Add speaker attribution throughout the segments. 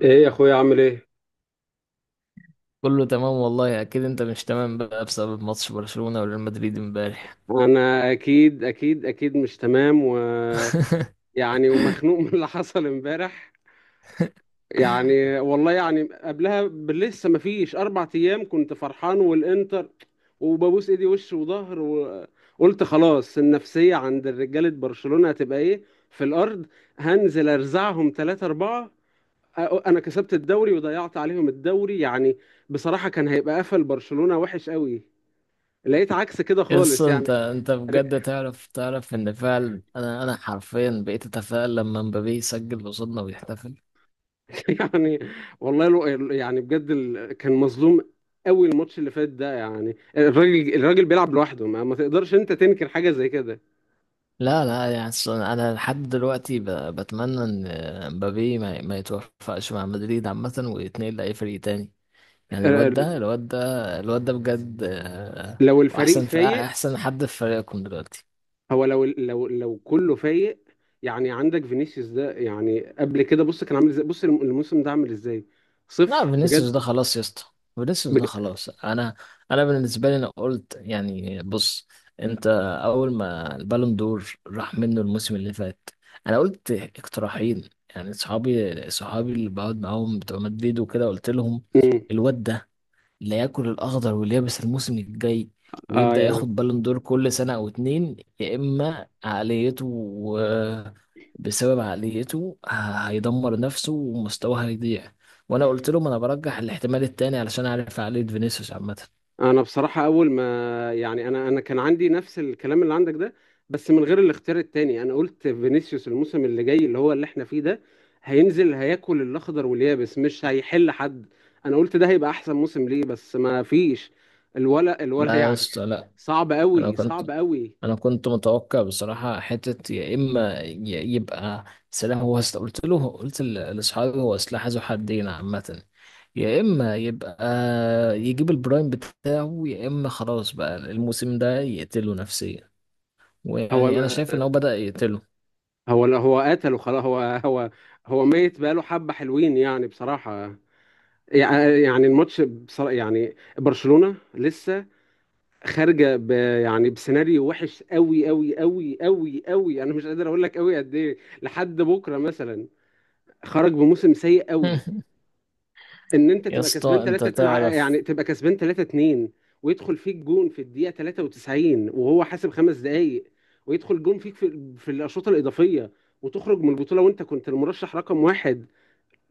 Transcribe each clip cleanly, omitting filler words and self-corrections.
Speaker 1: ايه يا اخويا، عامل ايه؟
Speaker 2: كله تمام والله. اكيد انت مش تمام بقى بسبب ماتش برشلونة وريال مدريد امبارح.
Speaker 1: انا اكيد اكيد اكيد مش تمام و يعني ومخنوق من اللي حصل امبارح. يعني والله يعني قبلها لسه ما فيش اربع ايام كنت فرحان والانتر، وببوس ايدي وش وظهر، وقلت خلاص، النفسية عند رجالة برشلونة هتبقى ايه، في الارض. هنزل ارزعهم ثلاثة اربعة. انا كسبت الدوري وضيعت عليهم الدوري يعني. بصراحة كان هيبقى قفل برشلونة وحش قوي، لقيت عكس كده
Speaker 2: يس،
Speaker 1: خالص يعني.
Speaker 2: انت بجد تعرف ان فعلا انا حرفيا بقيت اتفائل لما مبابي يسجل قصادنا ويحتفل.
Speaker 1: يعني والله لو، يعني بجد كان مظلوم قوي الماتش اللي فات ده. يعني الراجل بيلعب لوحده، ما تقدرش انت تنكر حاجه زي كده.
Speaker 2: لا لا، يعني أصل انا لحد دلوقتي بتمنى ان مبابي ما يتوفقش مع مدريد عامة ويتنقل لاي فريق تاني. يعني
Speaker 1: آه،
Speaker 2: الواد ده
Speaker 1: ال-
Speaker 2: الواد ده الواد ده بجد،
Speaker 1: لو الفريق
Speaker 2: واحسن في
Speaker 1: فايق،
Speaker 2: احسن حد في فريقكم دلوقتي.
Speaker 1: هو لو كله فايق. يعني عندك فينيسيوس ده، يعني قبل كده بص كان عامل ازاي، بص الموسم ده عامل ازاي،
Speaker 2: لا،
Speaker 1: صفر
Speaker 2: فينيسيوس ده
Speaker 1: بجد،
Speaker 2: خلاص يا اسطى. فينيسيوس ده
Speaker 1: بجد.
Speaker 2: خلاص. انا، انا بالنسبه لي، انا قلت يعني بص. انت، اول ما البالون دور راح منه الموسم اللي فات، انا قلت اقتراحين. يعني صحابي اللي بقعد معاهم بتوع مدريد وكده، قلت لهم
Speaker 1: مم.
Speaker 2: الواد ده لا ياكل الاخضر واليابس الموسم الجاي
Speaker 1: اه
Speaker 2: ويبدا
Speaker 1: يعني
Speaker 2: ياخد بالون دور كل سنه او اتنين. يا اما بسبب هيدمر نفسه ومستواه هيضيع. وانا قلت لهم انا برجح الاحتمال التاني، علشان اعرف عقليه فينيسيوس عامه.
Speaker 1: انا بصراحه اول ما، يعني انا كان عندي نفس الكلام اللي عندك ده، بس من غير الاختيار التاني. انا قلت فينيسيوس الموسم اللي جاي، اللي هو اللي احنا فيه ده، هينزل هياكل الاخضر واليابس، مش هيحل حد. انا قلت ده هيبقى احسن موسم ليه، بس ما فيش. الولا
Speaker 2: لا يا
Speaker 1: يعني،
Speaker 2: اسطى لا.
Speaker 1: صعب
Speaker 2: انا
Speaker 1: قوي
Speaker 2: كنت
Speaker 1: صعب قوي.
Speaker 2: انا كنت متوقع بصراحه حته. يا اما يبقى قلت له، لاصحابي هو سلاح ذو حدين عامه. يا اما يبقى يجيب البرايم بتاعه، يا اما خلاص بقى الموسم ده يقتله نفسيا.
Speaker 1: هو
Speaker 2: ويعني انا
Speaker 1: ما-
Speaker 2: شايف ان هو بدأ يقتله.
Speaker 1: هو لا، هو قتله خلاص. هو هو ميت بقاله حبه حلوين يعني بصراحه. يعني الماتش بصراحة، يعني برشلونة لسه خارجه يعني بسيناريو وحش قوي قوي قوي قوي قوي، انا مش قادر اقول لك قوي قد ايه، لحد بكره مثلا خرج بموسم سيء قوي. ان انت
Speaker 2: يا
Speaker 1: تبقى
Speaker 2: اسطى
Speaker 1: كسبان
Speaker 2: انت
Speaker 1: 3،
Speaker 2: تعرف.
Speaker 1: يعني تبقى كسبان 3-2 ويدخل فيك جون في الدقيقه 93 وهو حاسب خمس دقائق، ويدخل جون فيك في الاشواط الاضافيه، وتخرج من البطوله وانت كنت المرشح رقم واحد،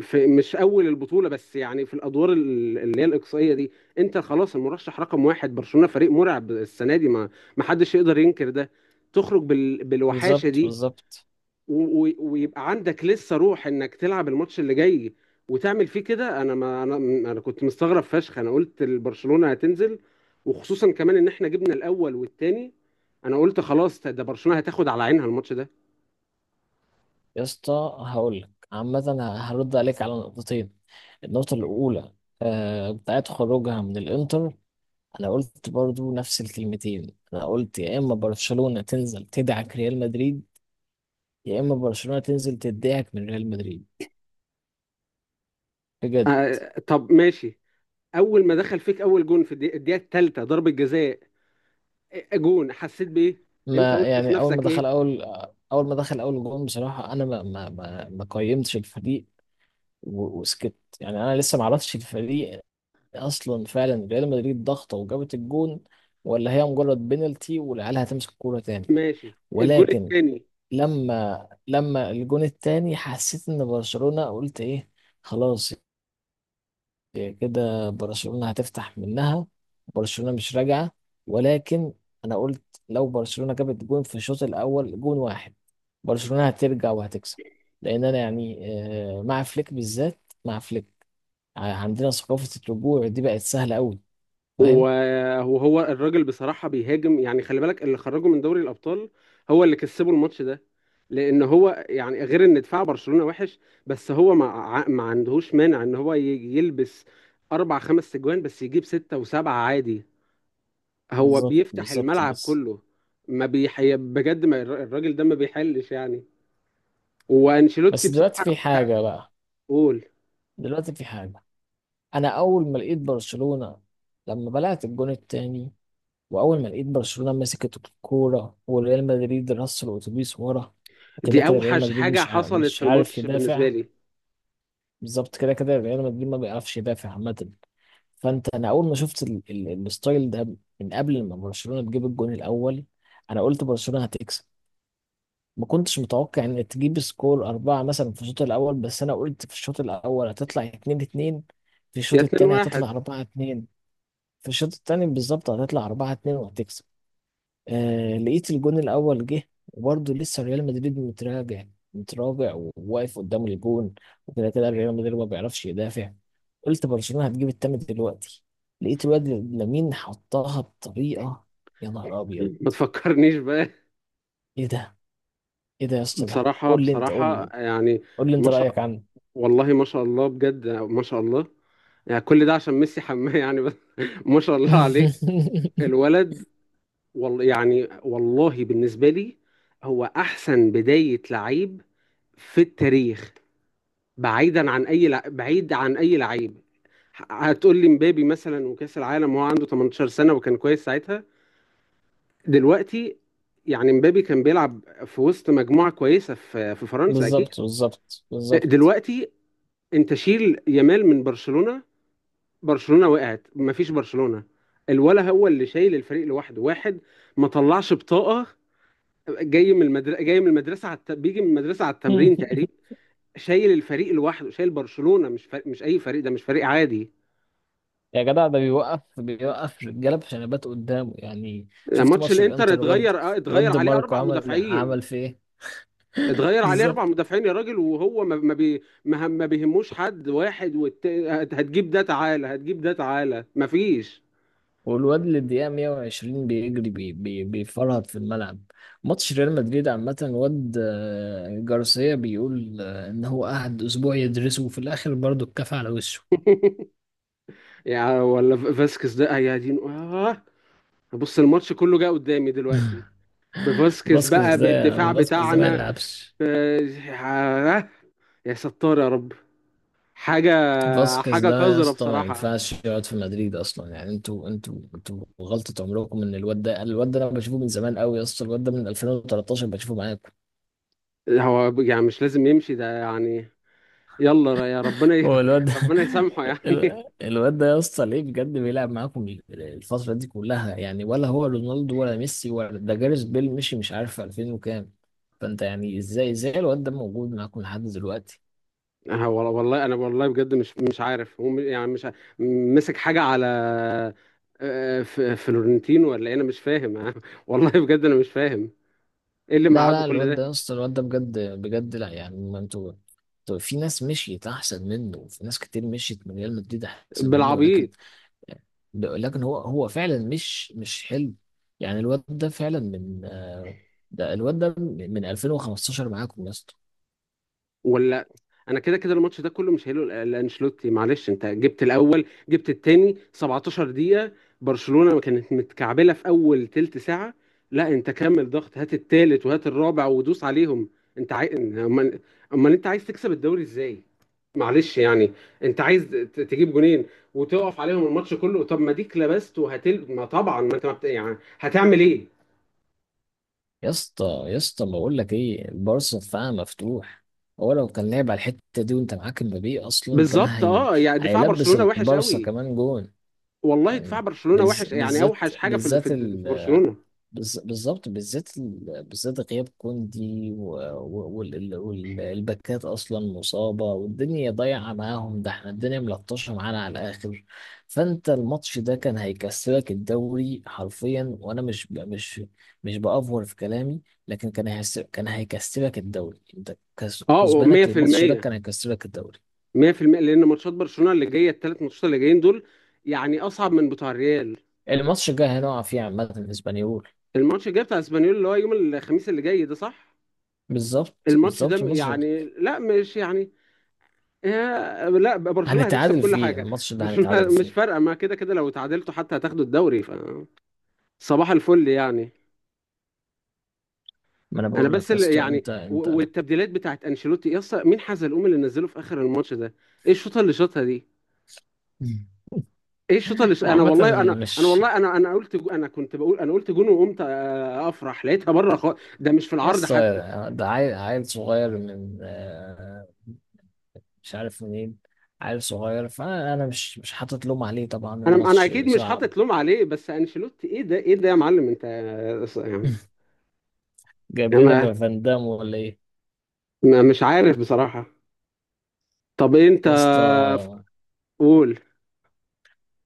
Speaker 1: في مش اول البطوله، بس يعني في الادوار اللي هي الاقصائيه دي. انت خلاص المرشح رقم واحد، برشلونه فريق مرعب السنه دي، ما حدش يقدر ينكر ده. تخرج بالوحاشه
Speaker 2: بالظبط،
Speaker 1: دي
Speaker 2: بالظبط.
Speaker 1: و... ويبقى عندك لسه روح انك تلعب الماتش اللي جاي وتعمل فيه كده. انا ما انا انا كنت مستغرب فشخ، انا قلت البرشلونه هتنزل، وخصوصا كمان ان احنا جبنا الاول والتاني. انا قلت خلاص، ده برشلونه هتاخد على عينها الماتش ده.
Speaker 2: يا اسطى هقول لك عامه، هرد عليك على نقطتين. النقطه الاولى، بتاعت خروجها من الانتر، انا قلت برضو نفس الكلمتين، انا قلت يا اما برشلونة تنزل تدعك ريال مدريد، يا اما برشلونة تنزل تدعك من ريال مدريد. بجد.
Speaker 1: طب ماشي، اول ما دخل فيك اول جون في الدقيقة الثالثه ضربه جزاء. جون، حسيت بايه؟ انت
Speaker 2: ما
Speaker 1: قلت في
Speaker 2: يعني اول ما
Speaker 1: نفسك
Speaker 2: دخل
Speaker 1: ايه؟
Speaker 2: اول. اول ما دخل اول جون بصراحة، انا ما قيمتش الفريق وسكت. يعني انا لسه ما عرفتش الفريق اصلا، فعلا ريال مدريد ضغطه وجابت الجون، ولا هي مجرد بينالتي والعيال هتمسك الكوره تاني؟
Speaker 1: ماشي. الجون
Speaker 2: ولكن
Speaker 1: الثاني.
Speaker 2: لما الجون التاني حسيت ان برشلونة، قلت ايه؟ خلاص، إيه كده، برشلونة هتفتح منها. برشلونة مش راجعة. ولكن انا قلت لو برشلونة جابت جون في الشوط الاول، جون واحد، برشلونة هترجع وهتكسب. لان انا يعني، مع فليك بالذات. مع فليك عندنا ثقافة الرجوع دي بقت سهلة قوي. فاهم؟
Speaker 1: وهو الراجل بصراحه بيهاجم يعني، خلي بالك اللي خرجه من دوري الابطال هو اللي كسبه الماتش ده، لان هو يعني غير ان دفاع برشلونه وحش، بس هو ما عندهوش مانع ان هو يلبس اربع خمس تجوان، بس يجيب سته وسبعه عادي، هو
Speaker 2: بالظبط
Speaker 1: بيفتح
Speaker 2: بالظبط
Speaker 1: الملعب
Speaker 2: بس
Speaker 1: كله. ما بيحي... بجد ما الراجل ده ما بيحلش يعني. وانشيلوتي
Speaker 2: بس دلوقتي
Speaker 1: بصراحه،
Speaker 2: في حاجة بقى.
Speaker 1: بقول،
Speaker 2: دلوقتي في حاجة. أنا أول ما لقيت برشلونة لما بلعت الجون التاني، وأول ما لقيت برشلونة مسكت الكورة وريال مدريد رص الأتوبيس ورا، وكده
Speaker 1: دي
Speaker 2: كده ريال
Speaker 1: اوحش
Speaker 2: مدريد
Speaker 1: حاجه
Speaker 2: مش عارف
Speaker 1: حصلت في
Speaker 2: مش عارف
Speaker 1: الماتش بالنسبه
Speaker 2: يدافع.
Speaker 1: لي.
Speaker 2: بالظبط، كده كده ريال مدريد ما بيعرفش يدافع عامة. فأنت، أنا أول ما شفت الستايل ده من قبل ما برشلونة تجيب الجون الأول، أنا قلت برشلونة هتكسب. ما كنتش متوقع ان تجيب سكور اربعة مثلا في الشوط الاول، بس انا قلت في الشوط الاول هتطلع اتنين اتنين، في
Speaker 1: يا
Speaker 2: الشوط
Speaker 1: 2
Speaker 2: التاني هتطلع
Speaker 1: 1
Speaker 2: اربعة اتنين. في الشوط التاني بالظبط هتطلع اربعة اتنين وهتكسب. آه، لقيت الجون الاول جه وبرضه لسه ريال مدريد متراجع، متراجع وواقف قدام الجون، وكده كده ريال مدريد ما بيعرفش يدافع. قلت برشلونة هتجيب التامن دلوقتي. لقيت الواد لامين حطها بطريقة، يا نهار ابيض!
Speaker 1: ما تفكرنيش بقى.
Speaker 2: ايه ده؟ ايه ده يا اسطى؟ ده
Speaker 1: بصراحه
Speaker 2: قول لي انت، قول
Speaker 1: بصراحه
Speaker 2: لي،
Speaker 1: يعني،
Speaker 2: قول لي
Speaker 1: ما
Speaker 2: انت
Speaker 1: شاء،
Speaker 2: رأيك عنه.
Speaker 1: والله ما شاء الله، بجد ما شاء الله. يعني كل ده عشان ميسي حماه يعني بس، ما شاء الله عليه الولد. والله يعني، والله بالنسبه لي هو احسن بدايه لعيب في التاريخ، بعيدا عن اي بعيد عن اي لعيب. هتقول لي مبابي مثلا وكاس العالم وهو عنده 18 سنه وكان كويس ساعتها. دلوقتي، يعني مبابي كان بيلعب في وسط مجموعه كويسه في فرنسا اكيد.
Speaker 2: بالظبط، بالظبط، بالظبط.
Speaker 1: دلوقتي انت شيل يامال من برشلونه، برشلونه وقعت، مفيش برشلونه. الولا هو اللي شايل الفريق لوحده واحد، ما طلعش بطاقه، جاي من المدرسه بيجي من المدرسه على التمرين تقريبا، شايل الفريق لوحده، شايل برشلونه، مش فريق، مش اي فريق، ده مش فريق عادي.
Speaker 2: يا جدع، ده بيوقف رجاله بشنبات قدامه. يعني شفت
Speaker 1: ماتش
Speaker 2: ماتش
Speaker 1: الانتر
Speaker 2: الانتر؟ الواد،
Speaker 1: اتغير
Speaker 2: الواد
Speaker 1: اتغير
Speaker 2: دي
Speaker 1: عليه
Speaker 2: ماركو
Speaker 1: اربع
Speaker 2: عمل
Speaker 1: مدافعين،
Speaker 2: عمل في ايه؟
Speaker 1: اتغير عليه اربع
Speaker 2: بالظبط.
Speaker 1: مدافعين يا راجل، وهو ما ما بي ما ما بيهموش حد واحد، هتجيب ده تعالى، هتجيب ده تعالى، ما فيش.
Speaker 2: والواد اللي الدقيقه 120 بيجري، بي بي بيفرهد في الملعب. ماتش ريال مدريد عامه، الواد، جارسيا بيقول ان هو قعد اسبوع يدرسه وفي الاخر برضه اتكفى على وشه.
Speaker 1: يا ولا، فاسكس ده يا دين آه. بص الماتش كله جه قدامي دلوقتي بفاسكس
Speaker 2: فاسكيز
Speaker 1: بقى، بالدفاع
Speaker 2: ده، ما
Speaker 1: بتاعنا. ب...
Speaker 2: يلعبش.
Speaker 1: آه. يا ستار يا رب. حاجة
Speaker 2: فاسكيز
Speaker 1: حاجة
Speaker 2: ده يا
Speaker 1: قذرة
Speaker 2: اسطى ما
Speaker 1: بصراحة،
Speaker 2: ينفعش يقعد في مدريد اصلا. يعني انتوا غلطة عمركم ان الواد ده. انا بشوفه من زمان قوي يا اسطى. الواد ده من 2013 بشوفه معاكم.
Speaker 1: هو يعني مش لازم يمشي ده يعني. يلا يا ربنا
Speaker 2: هو الواد ده.
Speaker 1: ربنا يسامحه يعني.
Speaker 2: الواد ده يا اسطى، ليه بجد بيلعب معاكم الفترة دي كلها؟ يعني ولا هو رونالدو، ولا ميسي، ولا ده جاريث بيل، مشي مش عارف 2000 وكام. فانت يعني ازاي الواد ده موجود معاكم لحد دلوقتي؟
Speaker 1: والله انا، والله بجد مش عارف. هو يعني مش ع- مسك حاجه على فلورنتينو ولا إيه؟ انا مش فاهم والله بجد انا مش فاهم ايه اللي
Speaker 2: لا
Speaker 1: مقعده
Speaker 2: لا،
Speaker 1: كل
Speaker 2: الواد ده
Speaker 1: ده،
Speaker 2: يا اسطى، الواد ده بجد بجد لا. يعني ما انتوا، انتوا في ناس مشيت احسن منه، وفي ناس كتير مشيت من ريال مدريد احسن منه، ولكن
Speaker 1: بالعبيط.
Speaker 2: لكن هو فعلا مش حلو. يعني الواد ده فعلا من، ده الواد ده من 2015 معاكم يا اسطى.
Speaker 1: ولا، انا كده كده الماتش ده كله مش هيلو لانشيلوتي. معلش، انت جبت الاول، جبت التاني 17 دقيقة، برشلونة ما كانت متكعبلة في اول تلت ساعة، لا انت كمل ضغط، هات التالت وهات الرابع ودوس عليهم. انت عاي... امال امال انت عايز تكسب الدوري ازاي؟ معلش يعني، انت عايز تجيب جونين وتقف عليهم الماتش كله، طب ما ديك لبست وهتل، ما طبعا ما انت ما بت... يعني هتعمل ايه؟
Speaker 2: يا اسطى يا اسطى بقول لك ايه، البارسا دفاعها مفتوح. هو لو كان لعب على الحته دي وانت معاك مبابي اصلا، كان
Speaker 1: بالظبط اه يعني دفاع
Speaker 2: هيلبس
Speaker 1: برشلونة وحش
Speaker 2: البارسا
Speaker 1: قوي،
Speaker 2: كمان جون.
Speaker 1: والله دفاع
Speaker 2: يعني
Speaker 1: برشلونة وحش، يعني
Speaker 2: بالذات،
Speaker 1: اوحش حاجة
Speaker 2: بالذات،
Speaker 1: في برشلونة.
Speaker 2: بالظبط، بالذات بالذات غياب كوندي والباكات اصلا مصابه والدنيا ضايعه معاهم ده. احنا الدنيا ملطشه معانا على الاخر. فانت الماتش ده كان هيكسبك الدوري حرفيا، وانا مش ب- مش مش بافور في كلامي، لكن كان كان هيكسبك الدوري. انت
Speaker 1: اه
Speaker 2: كسبانك للماتش ده
Speaker 1: 100%
Speaker 2: كان هيكسبك الدوري.
Speaker 1: 100%، لان ماتشات برشلونة اللي جاية، الثلاث ماتشات اللي جايين دول، يعني اصعب من بتوع الريال.
Speaker 2: الماتش الجاي هنقع فيه عامه، الاسبانيول.
Speaker 1: الماتش الجاي بتاع اسبانيول اللي هو يوم الخميس اللي جاي ده، صح.
Speaker 2: بالظبط،
Speaker 1: الماتش ده
Speaker 2: بالظبط. الماتش ده
Speaker 1: يعني لا مش يعني، لا برشلونة هتكسب
Speaker 2: هنتعادل
Speaker 1: كل
Speaker 2: فيه.
Speaker 1: حاجة.
Speaker 2: الماتش ده
Speaker 1: برشلونة
Speaker 2: هنتعادل
Speaker 1: مش
Speaker 2: فيه.
Speaker 1: فارقة، ما كده كده لو تعادلتوا حتى هتاخدوا الدوري، ف صباح الفل يعني.
Speaker 2: ما انا
Speaker 1: انا
Speaker 2: بقول
Speaker 1: بس
Speaker 2: لك يا
Speaker 1: اللي
Speaker 2: اسطى،
Speaker 1: يعني،
Speaker 2: انت انت
Speaker 1: والتبديلات بتاعت انشيلوتي يا اسطى، مين حزلقوم اللي نزله في اخر الماتش ده؟ ايه الشوطه اللي شاطها دي؟ ايه الشوطه
Speaker 2: هو
Speaker 1: انا
Speaker 2: عامة،
Speaker 1: والله انا
Speaker 2: مش،
Speaker 1: والله انا قلت انا كنت بقول، انا قلت جون وقمت افرح، لقيتها بره خالص ده، مش في
Speaker 2: يا
Speaker 1: العرض
Speaker 2: اسطى
Speaker 1: حتى.
Speaker 2: ده عيل صغير من، مش عارف منين. عيل صغير، فانا، انا مش حاطط لوم عليه طبعا،
Speaker 1: انا
Speaker 2: الماتش
Speaker 1: اكيد مش
Speaker 2: صعب.
Speaker 1: حاطط لوم عليه، بس انشيلوتي ايه ده، ايه ده يا معلم انت يعني.
Speaker 2: جايب
Speaker 1: ما
Speaker 2: لنا فان دام ولا ايه؟
Speaker 1: مش عارف بصراحه. طب انت
Speaker 2: يا اسطى
Speaker 1: ف- قول.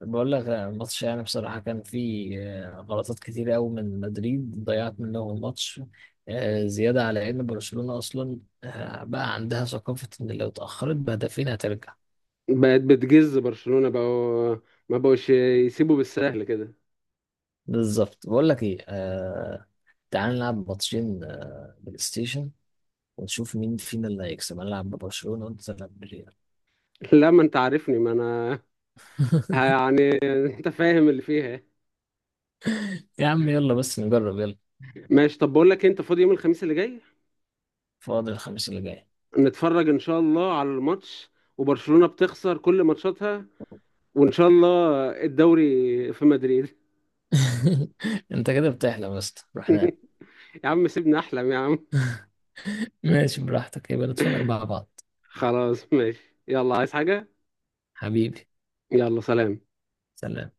Speaker 2: بقول لك الماتش يعني بصراحة كان فيه، غلطات كتير قوي من مدريد ضيعت منهم الماتش، زيادة على ان برشلونة اصلا بقى عندها ثقافة ان لو اتأخرت بهدفين هترجع.
Speaker 1: بقت بتجز برشلونه بقوا، ما بقوش يسيبوا بالسهل كده.
Speaker 2: بالظبط. بقول لك ايه، تعال نلعب ماتشين، بلاي ستيشن، ونشوف مين فينا اللي هيكسب. انا العب ببرشلونة وانت تلعب بالريال.
Speaker 1: لا ما انت عارفني، ما انا يعني، انت فاهم اللي فيها.
Speaker 2: يا عم يلا بس نجرب، يلا.
Speaker 1: ماشي طب بقول لك إيه، انت فاضي يوم الخميس اللي جاي؟
Speaker 2: فاضل الخميس اللي جاي.
Speaker 1: نتفرج ان شاء الله على الماتش، وبرشلونة بتخسر كل ماتشاتها، وان شاء الله الدوري في مدريد.
Speaker 2: انت كده بتحلم، بس روح نام.
Speaker 1: يا عم سيبني احلم يا عم.
Speaker 2: ماشي براحتك، يبقى نتفرج مع بعض.
Speaker 1: خلاص ماشي، يلا عايز حاجة؟
Speaker 2: حبيبي.
Speaker 1: يلا سلام.
Speaker 2: سلام.